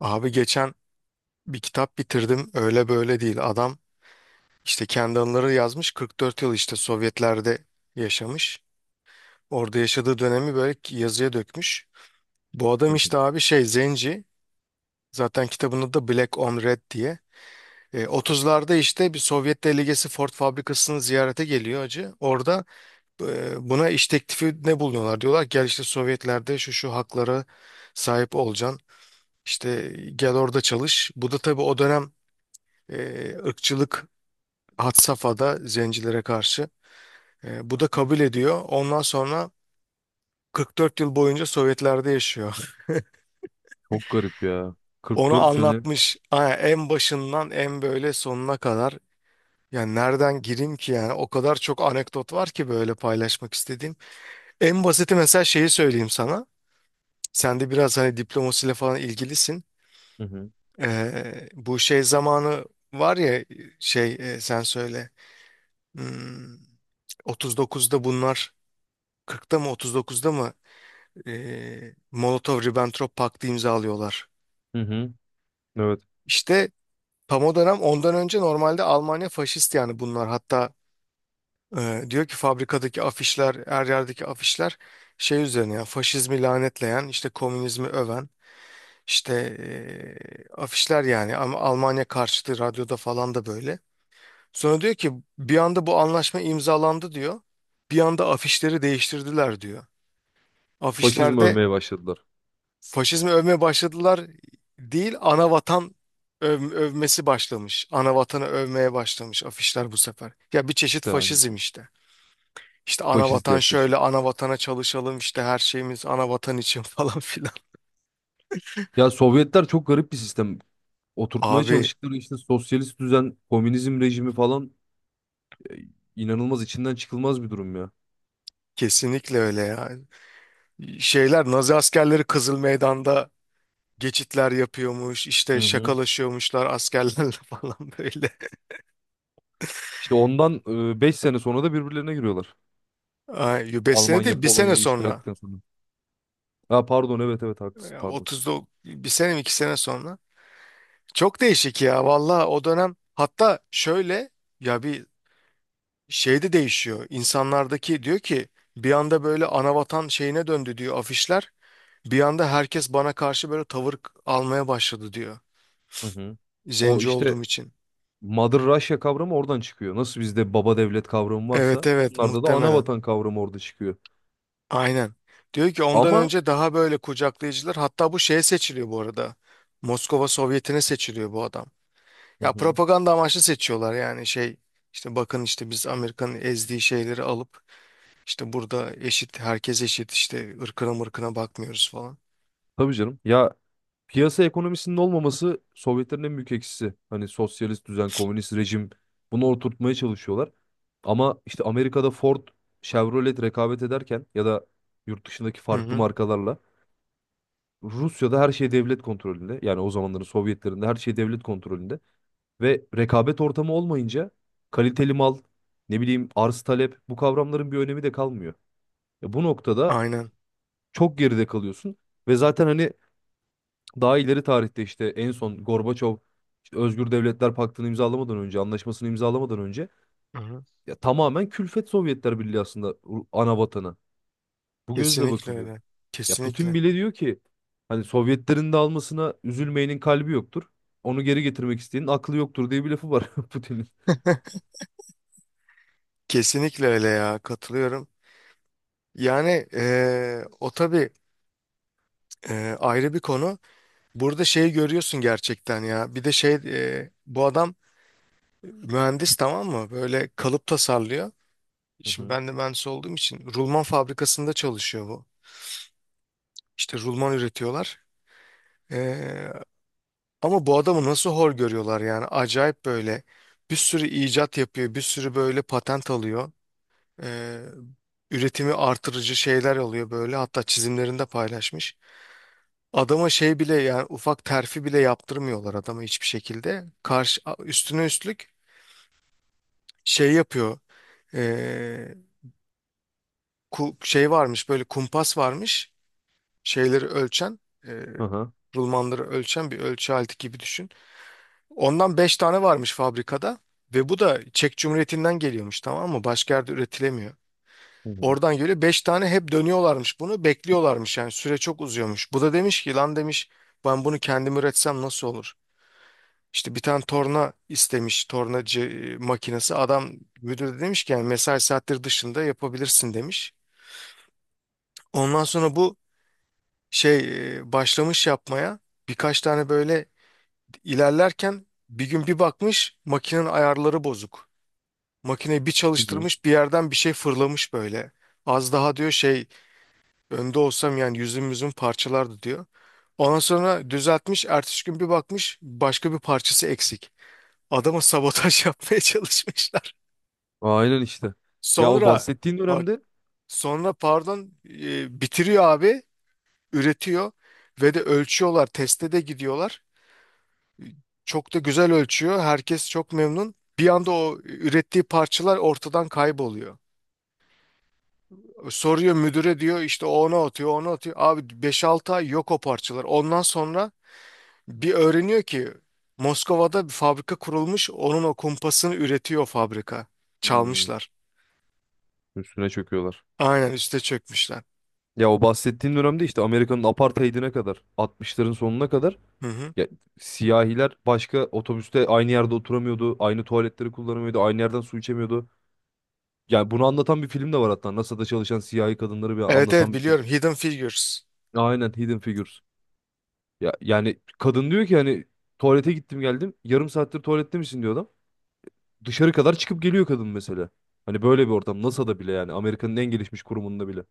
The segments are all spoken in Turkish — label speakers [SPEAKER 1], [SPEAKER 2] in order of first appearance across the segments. [SPEAKER 1] Abi geçen bir kitap bitirdim, öyle böyle değil. Adam işte kendi anıları yazmış, 44 yıl işte Sovyetler'de yaşamış. Orada yaşadığı dönemi böyle yazıya dökmüş. Bu
[SPEAKER 2] Hı
[SPEAKER 1] adam
[SPEAKER 2] hı.
[SPEAKER 1] işte abi şey zenci, zaten kitabın adı da Black on Red diye. 30'larda işte bir Sovyet delegesi Ford fabrikasını ziyarete geliyor acı. Orada buna iş teklifi ne bulunuyorlar? Diyorlar gel işte Sovyetler'de şu şu haklara sahip olacaksın. İşte gel orada çalış. Bu da tabii o dönem e, ırkçılık had safhada zencilere karşı. Bu da kabul ediyor. Ondan sonra 44 yıl boyunca Sovyetler'de yaşıyor.
[SPEAKER 2] Çok garip ya.
[SPEAKER 1] Onu
[SPEAKER 2] 44 sene.
[SPEAKER 1] anlatmış. Ha, en başından en böyle sonuna kadar. Yani nereden gireyim ki, yani o kadar çok anekdot var ki böyle paylaşmak istediğim. En basiti mesela şeyi söyleyeyim sana. Sen de biraz hani diplomasiyle falan ilgilisin.
[SPEAKER 2] Hı hı.
[SPEAKER 1] Bu şey zamanı var ya, şey, sen söyle. Hmm, 39'da bunlar, 40'ta mı 39'da mı Molotov-Ribbentrop Paktı imzalıyorlar.
[SPEAKER 2] Hı hı. Evet.
[SPEAKER 1] İşte tam o dönem, ondan önce normalde Almanya faşist yani bunlar. Hatta diyor ki fabrikadaki afişler, her yerdeki afişler şey üzerine yani, faşizmi lanetleyen, işte komünizmi öven, işte afişler yani, ama Almanya karşıtı, radyoda falan da böyle. Sonra diyor ki bir anda bu anlaşma imzalandı diyor. Bir anda afişleri değiştirdiler diyor.
[SPEAKER 2] Faşizm
[SPEAKER 1] Afişlerde
[SPEAKER 2] övmeye başladılar.
[SPEAKER 1] faşizmi övmeye başladılar değil, ana vatan, övmesi başlamış. Ana vatanı övmeye başlamış afişler bu sefer. Ya bir çeşit
[SPEAKER 2] İşte hani
[SPEAKER 1] faşizm işte. İşte ana
[SPEAKER 2] faşist
[SPEAKER 1] vatan
[SPEAKER 2] yaklaşım.
[SPEAKER 1] şöyle, ana vatana çalışalım, işte her şeyimiz ana vatan için falan filan.
[SPEAKER 2] Ya Sovyetler çok garip bir sistem. Oturtmaya
[SPEAKER 1] Abi
[SPEAKER 2] çalıştıkları işte sosyalist düzen, komünizm rejimi falan e, inanılmaz içinden çıkılmaz bir durum ya.
[SPEAKER 1] kesinlikle öyle ya. Şeyler, Nazi askerleri Kızıl Meydan'da geçitler yapıyormuş,
[SPEAKER 2] Hı
[SPEAKER 1] işte
[SPEAKER 2] hı.
[SPEAKER 1] şakalaşıyormuşlar askerlerle falan böyle.
[SPEAKER 2] İşte ondan 5 sene sonra da birbirlerine giriyorlar.
[SPEAKER 1] Ay, besene
[SPEAKER 2] Almanya
[SPEAKER 1] değil, bir sene
[SPEAKER 2] Polonya'yı işgal
[SPEAKER 1] sonra.
[SPEAKER 2] ettikten sonra. Ha pardon, evet evet haklısın,
[SPEAKER 1] Ya
[SPEAKER 2] pardon.
[SPEAKER 1] 30'da, bir sene mi, iki sene sonra. Çok değişik ya valla o dönem. Hatta şöyle, ya bir şey de değişiyor insanlardaki, diyor ki bir anda böyle anavatan şeyine döndü diyor afişler, bir anda herkes bana karşı böyle tavır almaya başladı diyor,
[SPEAKER 2] Hı hı. O
[SPEAKER 1] zenci
[SPEAKER 2] işte
[SPEAKER 1] olduğum için.
[SPEAKER 2] Mother Russia kavramı oradan çıkıyor. Nasıl bizde baba devlet kavramı
[SPEAKER 1] Evet,
[SPEAKER 2] varsa
[SPEAKER 1] evet,
[SPEAKER 2] onlarda da ana
[SPEAKER 1] muhtemelen,
[SPEAKER 2] vatan kavramı orada çıkıyor.
[SPEAKER 1] aynen. Diyor ki ondan
[SPEAKER 2] Ama.
[SPEAKER 1] önce daha böyle kucaklayıcılar, hatta bu şeye seçiliyor bu arada, Moskova Sovyeti'ne seçiliyor bu adam.
[SPEAKER 2] Hı
[SPEAKER 1] Ya
[SPEAKER 2] hı.
[SPEAKER 1] propaganda amaçlı seçiyorlar yani, şey, işte bakın işte biz Amerika'nın ezdiği şeyleri alıp İşte burada eşit, herkes eşit, işte ırkına mırkına bakmıyoruz falan.
[SPEAKER 2] Tabii canım ya, piyasa ekonomisinin olmaması Sovyetlerin en büyük eksisi. Hani sosyalist düzen, komünist rejim, bunu oturtmaya çalışıyorlar. Ama işte Amerika'da Ford, Chevrolet rekabet ederken ya da yurt dışındaki
[SPEAKER 1] Hı
[SPEAKER 2] farklı
[SPEAKER 1] hı.
[SPEAKER 2] markalarla, Rusya'da her şey devlet kontrolünde. Yani o zamanların Sovyetlerinde her şey devlet kontrolünde. Ve rekabet ortamı olmayınca kaliteli mal, ne bileyim, arz talep, bu kavramların bir önemi de kalmıyor. Ya bu noktada
[SPEAKER 1] Aynen.
[SPEAKER 2] çok geride kalıyorsun ve zaten hani daha ileri tarihte işte en son Gorbaçov işte Özgür Devletler Paktı'nı imzalamadan önce, anlaşmasını imzalamadan önce,
[SPEAKER 1] Hı hı.
[SPEAKER 2] ya tamamen külfet Sovyetler Birliği aslında, ana vatanı. Bu gözle
[SPEAKER 1] Kesinlikle
[SPEAKER 2] bakılıyor.
[SPEAKER 1] öyle.
[SPEAKER 2] Ya Putin
[SPEAKER 1] Kesinlikle.
[SPEAKER 2] bile diyor ki hani Sovyetlerin de almasına üzülmeyenin kalbi yoktur. Onu geri getirmek isteyenin aklı yoktur diye bir lafı var Putin'in.
[SPEAKER 1] Kesinlikle öyle ya, katılıyorum. Yani o tabii ayrı bir konu. Burada şeyi görüyorsun gerçekten ya. Bir de şey, bu adam mühendis, tamam mı? Böyle kalıp tasarlıyor.
[SPEAKER 2] Hı
[SPEAKER 1] Şimdi
[SPEAKER 2] hı.
[SPEAKER 1] ben de mühendis olduğum için, rulman fabrikasında çalışıyor bu. İşte rulman üretiyorlar. Eee, Ama bu adamı nasıl hor görüyorlar, yani acayip. Böyle bir sürü icat yapıyor, bir sürü böyle patent alıyor. Ee, üretimi artırıcı şeyler alıyor böyle, hatta çizimlerinde paylaşmış. Adama şey bile, yani ufak terfi bile yaptırmıyorlar adama, hiçbir şekilde. Karşı, üstüne üstlük şey yapıyor. Ee, şey varmış böyle, kumpas varmış, şeyleri ölçen, e,
[SPEAKER 2] Aha.
[SPEAKER 1] rulmanları ölçen bir ölçü aleti gibi düşün. Ondan 5 tane varmış fabrikada ve bu da Çek Cumhuriyeti'nden geliyormuş, tamam mı? Başka yerde üretilemiyor.
[SPEAKER 2] Hı hı.
[SPEAKER 1] Oradan geliyor 5 tane, hep dönüyorlarmış, bunu bekliyorlarmış, yani süre çok uzuyormuş. Bu da demiş ki lan, demiş ben bunu kendim üretsem nasıl olur? İşte bir tane torna istemiş, tornacı makinesi. Adam müdür de demiş ki yani mesai saatleri dışında yapabilirsin demiş. Ondan sonra bu şey, başlamış yapmaya birkaç tane böyle. İlerlerken bir gün bir bakmış, makinenin ayarları bozuk. Makineyi bir
[SPEAKER 2] Hı hı.
[SPEAKER 1] çalıştırmış, bir yerden bir şey fırlamış böyle. Az daha, diyor, şey önde olsam, yani yüzüm parçalardı diyor. Ondan sonra düzeltmiş, ertesi gün bir bakmış başka bir parçası eksik. Adama sabotaj yapmaya çalışmışlar.
[SPEAKER 2] Aynen işte. Ya o
[SPEAKER 1] Sonra,
[SPEAKER 2] bahsettiğin
[SPEAKER 1] bak,
[SPEAKER 2] dönemde.
[SPEAKER 1] sonra pardon, bitiriyor abi, üretiyor ve de ölçüyorlar, teste de gidiyorlar. Çok da güzel ölçüyor, herkes çok memnun. Bir anda o ürettiği parçalar ortadan kayboluyor. Soruyor müdüre, diyor işte, o ona atıyor, ona atıyor. Abi beş 6 ay yok o parçalar. Ondan sonra bir öğreniyor ki Moskova'da bir fabrika kurulmuş. Onun o kumpasını üretiyor fabrika.
[SPEAKER 2] Hmm.
[SPEAKER 1] Çalmışlar.
[SPEAKER 2] Üstüne çöküyorlar.
[SPEAKER 1] Aynen, üste çökmüşler.
[SPEAKER 2] Ya o bahsettiğin dönemde işte Amerika'nın apartheidine kadar, altmışların sonuna kadar,
[SPEAKER 1] Hı hı.
[SPEAKER 2] ya siyahiler başka otobüste aynı yerde oturamıyordu, aynı tuvaletleri kullanamıyordu, aynı yerden su içemiyordu. Yani bunu anlatan bir film de var hatta. NASA'da çalışan siyahi kadınları bir
[SPEAKER 1] Evet, evet,
[SPEAKER 2] anlatan bir film.
[SPEAKER 1] biliyorum, Hidden Figures.
[SPEAKER 2] Aynen, Hidden Figures. Ya yani kadın diyor ki, hani tuvalete gittim geldim. Yarım saattir tuvalette misin, diyor adam. Dışarı kadar çıkıp geliyor kadın mesela. Hani böyle bir ortam NASA'da bile, yani Amerika'nın en gelişmiş kurumunda bile.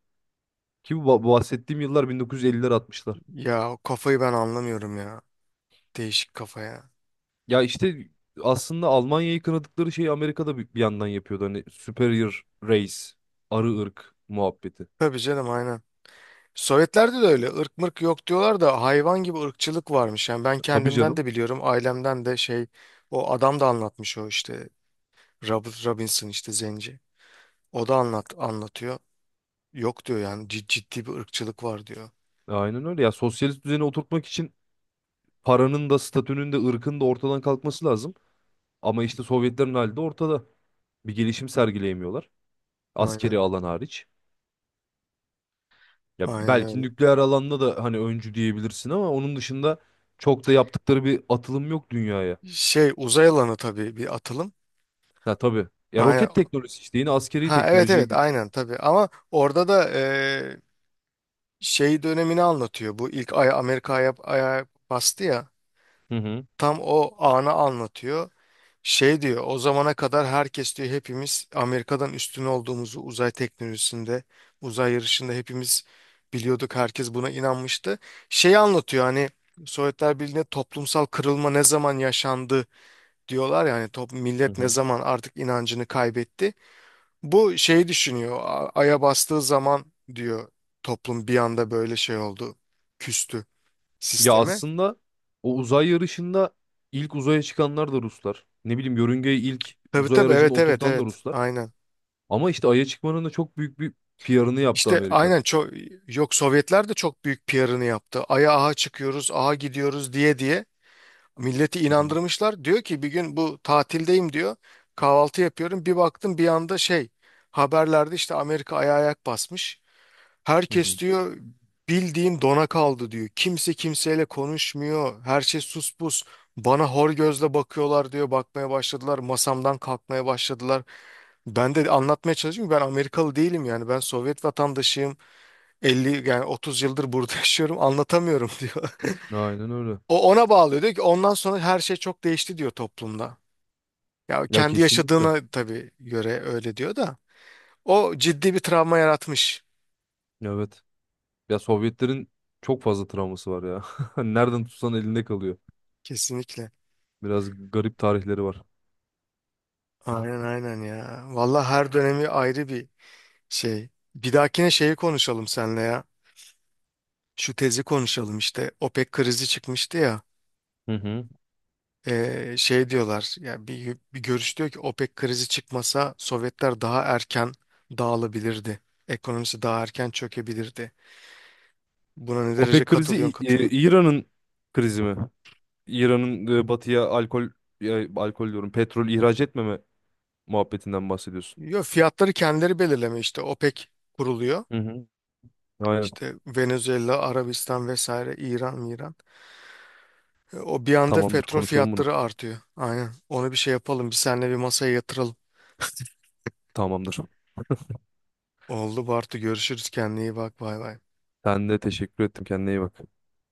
[SPEAKER 2] Ki bu bahsettiğim yıllar 1950'ler, 60'lar.
[SPEAKER 1] Ya o kafayı ben anlamıyorum ya. Değişik kafa ya.
[SPEAKER 2] Ya işte aslında Almanya'yı kınadıkları şeyi Amerika'da bir yandan yapıyordu. Hani superior race, arı ırk muhabbeti.
[SPEAKER 1] Tabii canım, aynen. Sovyetlerde de öyle ırk mırk yok diyorlar da, hayvan gibi ırkçılık varmış. Yani ben
[SPEAKER 2] Tabii
[SPEAKER 1] kendimden
[SPEAKER 2] canım.
[SPEAKER 1] de biliyorum, ailemden de. Şey, o adam da anlatmış, o işte, Robinson, işte zenci. O da anlatıyor. Yok diyor, yani ciddi bir ırkçılık var diyor.
[SPEAKER 2] Aynen öyle. Ya sosyalist düzeni oturtmak için paranın da, statünün de, ırkın da ortadan kalkması lazım. Ama işte Sovyetlerin hali de ortada. Bir gelişim sergileyemiyorlar.
[SPEAKER 1] Aynen.
[SPEAKER 2] Askeri alan hariç. Ya
[SPEAKER 1] Aynen
[SPEAKER 2] belki
[SPEAKER 1] öyle.
[SPEAKER 2] nükleer alanda da hani öncü diyebilirsin ama onun dışında çok da yaptıkları bir atılım yok dünyaya.
[SPEAKER 1] Şey, uzay alanı tabii bir atılım.
[SPEAKER 2] Ha tabii. Ya
[SPEAKER 1] Aynen.
[SPEAKER 2] roket teknolojisi işte yine askeri
[SPEAKER 1] Ha evet,
[SPEAKER 2] teknolojiye
[SPEAKER 1] evet
[SPEAKER 2] giriyor.
[SPEAKER 1] aynen tabii, ama orada da şey dönemini anlatıyor. Bu ilk, ay Amerika aya bastı ya.
[SPEAKER 2] Hı hı.
[SPEAKER 1] Tam o anı anlatıyor. Şey diyor, o zamana kadar herkes diyor, hepimiz Amerika'dan üstün olduğumuzu uzay teknolojisinde, uzay yarışında hepimiz biliyorduk, herkes buna inanmıştı. Şeyi anlatıyor hani, Sovyetler Birliği'nde toplumsal kırılma ne zaman yaşandı diyorlar, yani
[SPEAKER 2] Hı
[SPEAKER 1] millet ne
[SPEAKER 2] hı.
[SPEAKER 1] zaman artık inancını kaybetti. Bu şeyi düşünüyor, Ay'a bastığı zaman, diyor, toplum bir anda böyle şey oldu, küstü
[SPEAKER 2] Ya
[SPEAKER 1] sisteme.
[SPEAKER 2] aslında o uzay yarışında ilk uzaya çıkanlar da Ruslar. Ne bileyim, yörüngeye ilk
[SPEAKER 1] Tabii
[SPEAKER 2] uzay
[SPEAKER 1] tabii,
[SPEAKER 2] aracını
[SPEAKER 1] evet evet
[SPEAKER 2] oturtan da
[SPEAKER 1] evet,
[SPEAKER 2] Ruslar.
[SPEAKER 1] aynen.
[SPEAKER 2] Ama işte Ay'a çıkmanın da çok büyük bir PR'ını yaptı
[SPEAKER 1] İşte
[SPEAKER 2] Amerika.
[SPEAKER 1] aynen, çok, yok Sovyetler de çok büyük PR'ını yaptı. Ay'a aha çıkıyoruz, aha gidiyoruz diye diye milleti
[SPEAKER 2] Hı hı.
[SPEAKER 1] inandırmışlar. Diyor ki bir gün, bu tatildeyim diyor. Kahvaltı yapıyorum. Bir baktım bir anda şey, haberlerde işte Amerika aya ayak basmış.
[SPEAKER 2] Hı
[SPEAKER 1] Herkes,
[SPEAKER 2] hı.
[SPEAKER 1] diyor, bildiğin dona kaldı diyor. Kimse kimseyle konuşmuyor. Her şey sus pus. Bana hor gözle bakıyorlar diyor. Bakmaya başladılar. Masamdan kalkmaya başladılar. Ben de anlatmaya çalışıyorum, ben Amerikalı değilim yani, ben Sovyet vatandaşıyım. 50, yani 30 yıldır burada yaşıyorum, anlatamıyorum diyor.
[SPEAKER 2] Aynen öyle.
[SPEAKER 1] O ona bağlıyor, diyor ki ondan sonra her şey çok değişti diyor toplumda. Ya
[SPEAKER 2] Ya
[SPEAKER 1] kendi
[SPEAKER 2] kesinlikle.
[SPEAKER 1] yaşadığına tabii göre öyle diyor da, o ciddi bir travma yaratmış
[SPEAKER 2] Evet. Ya Sovyetlerin çok fazla travması var ya. Nereden tutsan elinde kalıyor.
[SPEAKER 1] kesinlikle.
[SPEAKER 2] Biraz garip tarihleri var.
[SPEAKER 1] Aynen, aynen ya. Vallahi her dönemi ayrı bir şey. Bir dahakine şeyi konuşalım seninle ya. Şu tezi konuşalım işte. OPEC krizi çıkmıştı ya.
[SPEAKER 2] Hı hı.
[SPEAKER 1] Şey diyorlar yani, bir görüş diyor ki OPEC krizi çıkmasa Sovyetler daha erken dağılabilirdi, ekonomisi daha erken çökebilirdi. Buna ne derece
[SPEAKER 2] OPEC krizi
[SPEAKER 1] katılıyorsun, katılmıyorsun?
[SPEAKER 2] İran'ın krizi mi? İran'ın batıya alkol, ya, alkol diyorum, petrol ihraç etmeme muhabbetinden bahsediyorsun.
[SPEAKER 1] Yok, fiyatları kendileri belirleme, işte OPEC kuruluyor.
[SPEAKER 2] Hı hı. Aynen.
[SPEAKER 1] İşte Venezuela, Arabistan vesaire, İran. O bir anda
[SPEAKER 2] Tamamdır,
[SPEAKER 1] petrol
[SPEAKER 2] konuşalım bunu.
[SPEAKER 1] fiyatları artıyor. Aynen. Onu bir şey yapalım, bir seninle bir masaya yatıralım.
[SPEAKER 2] Tamamdır.
[SPEAKER 1] Oldu Bartu. Görüşürüz. Kendine iyi bak. Bay bay.
[SPEAKER 2] Ben de teşekkür ettim. Kendine iyi bak.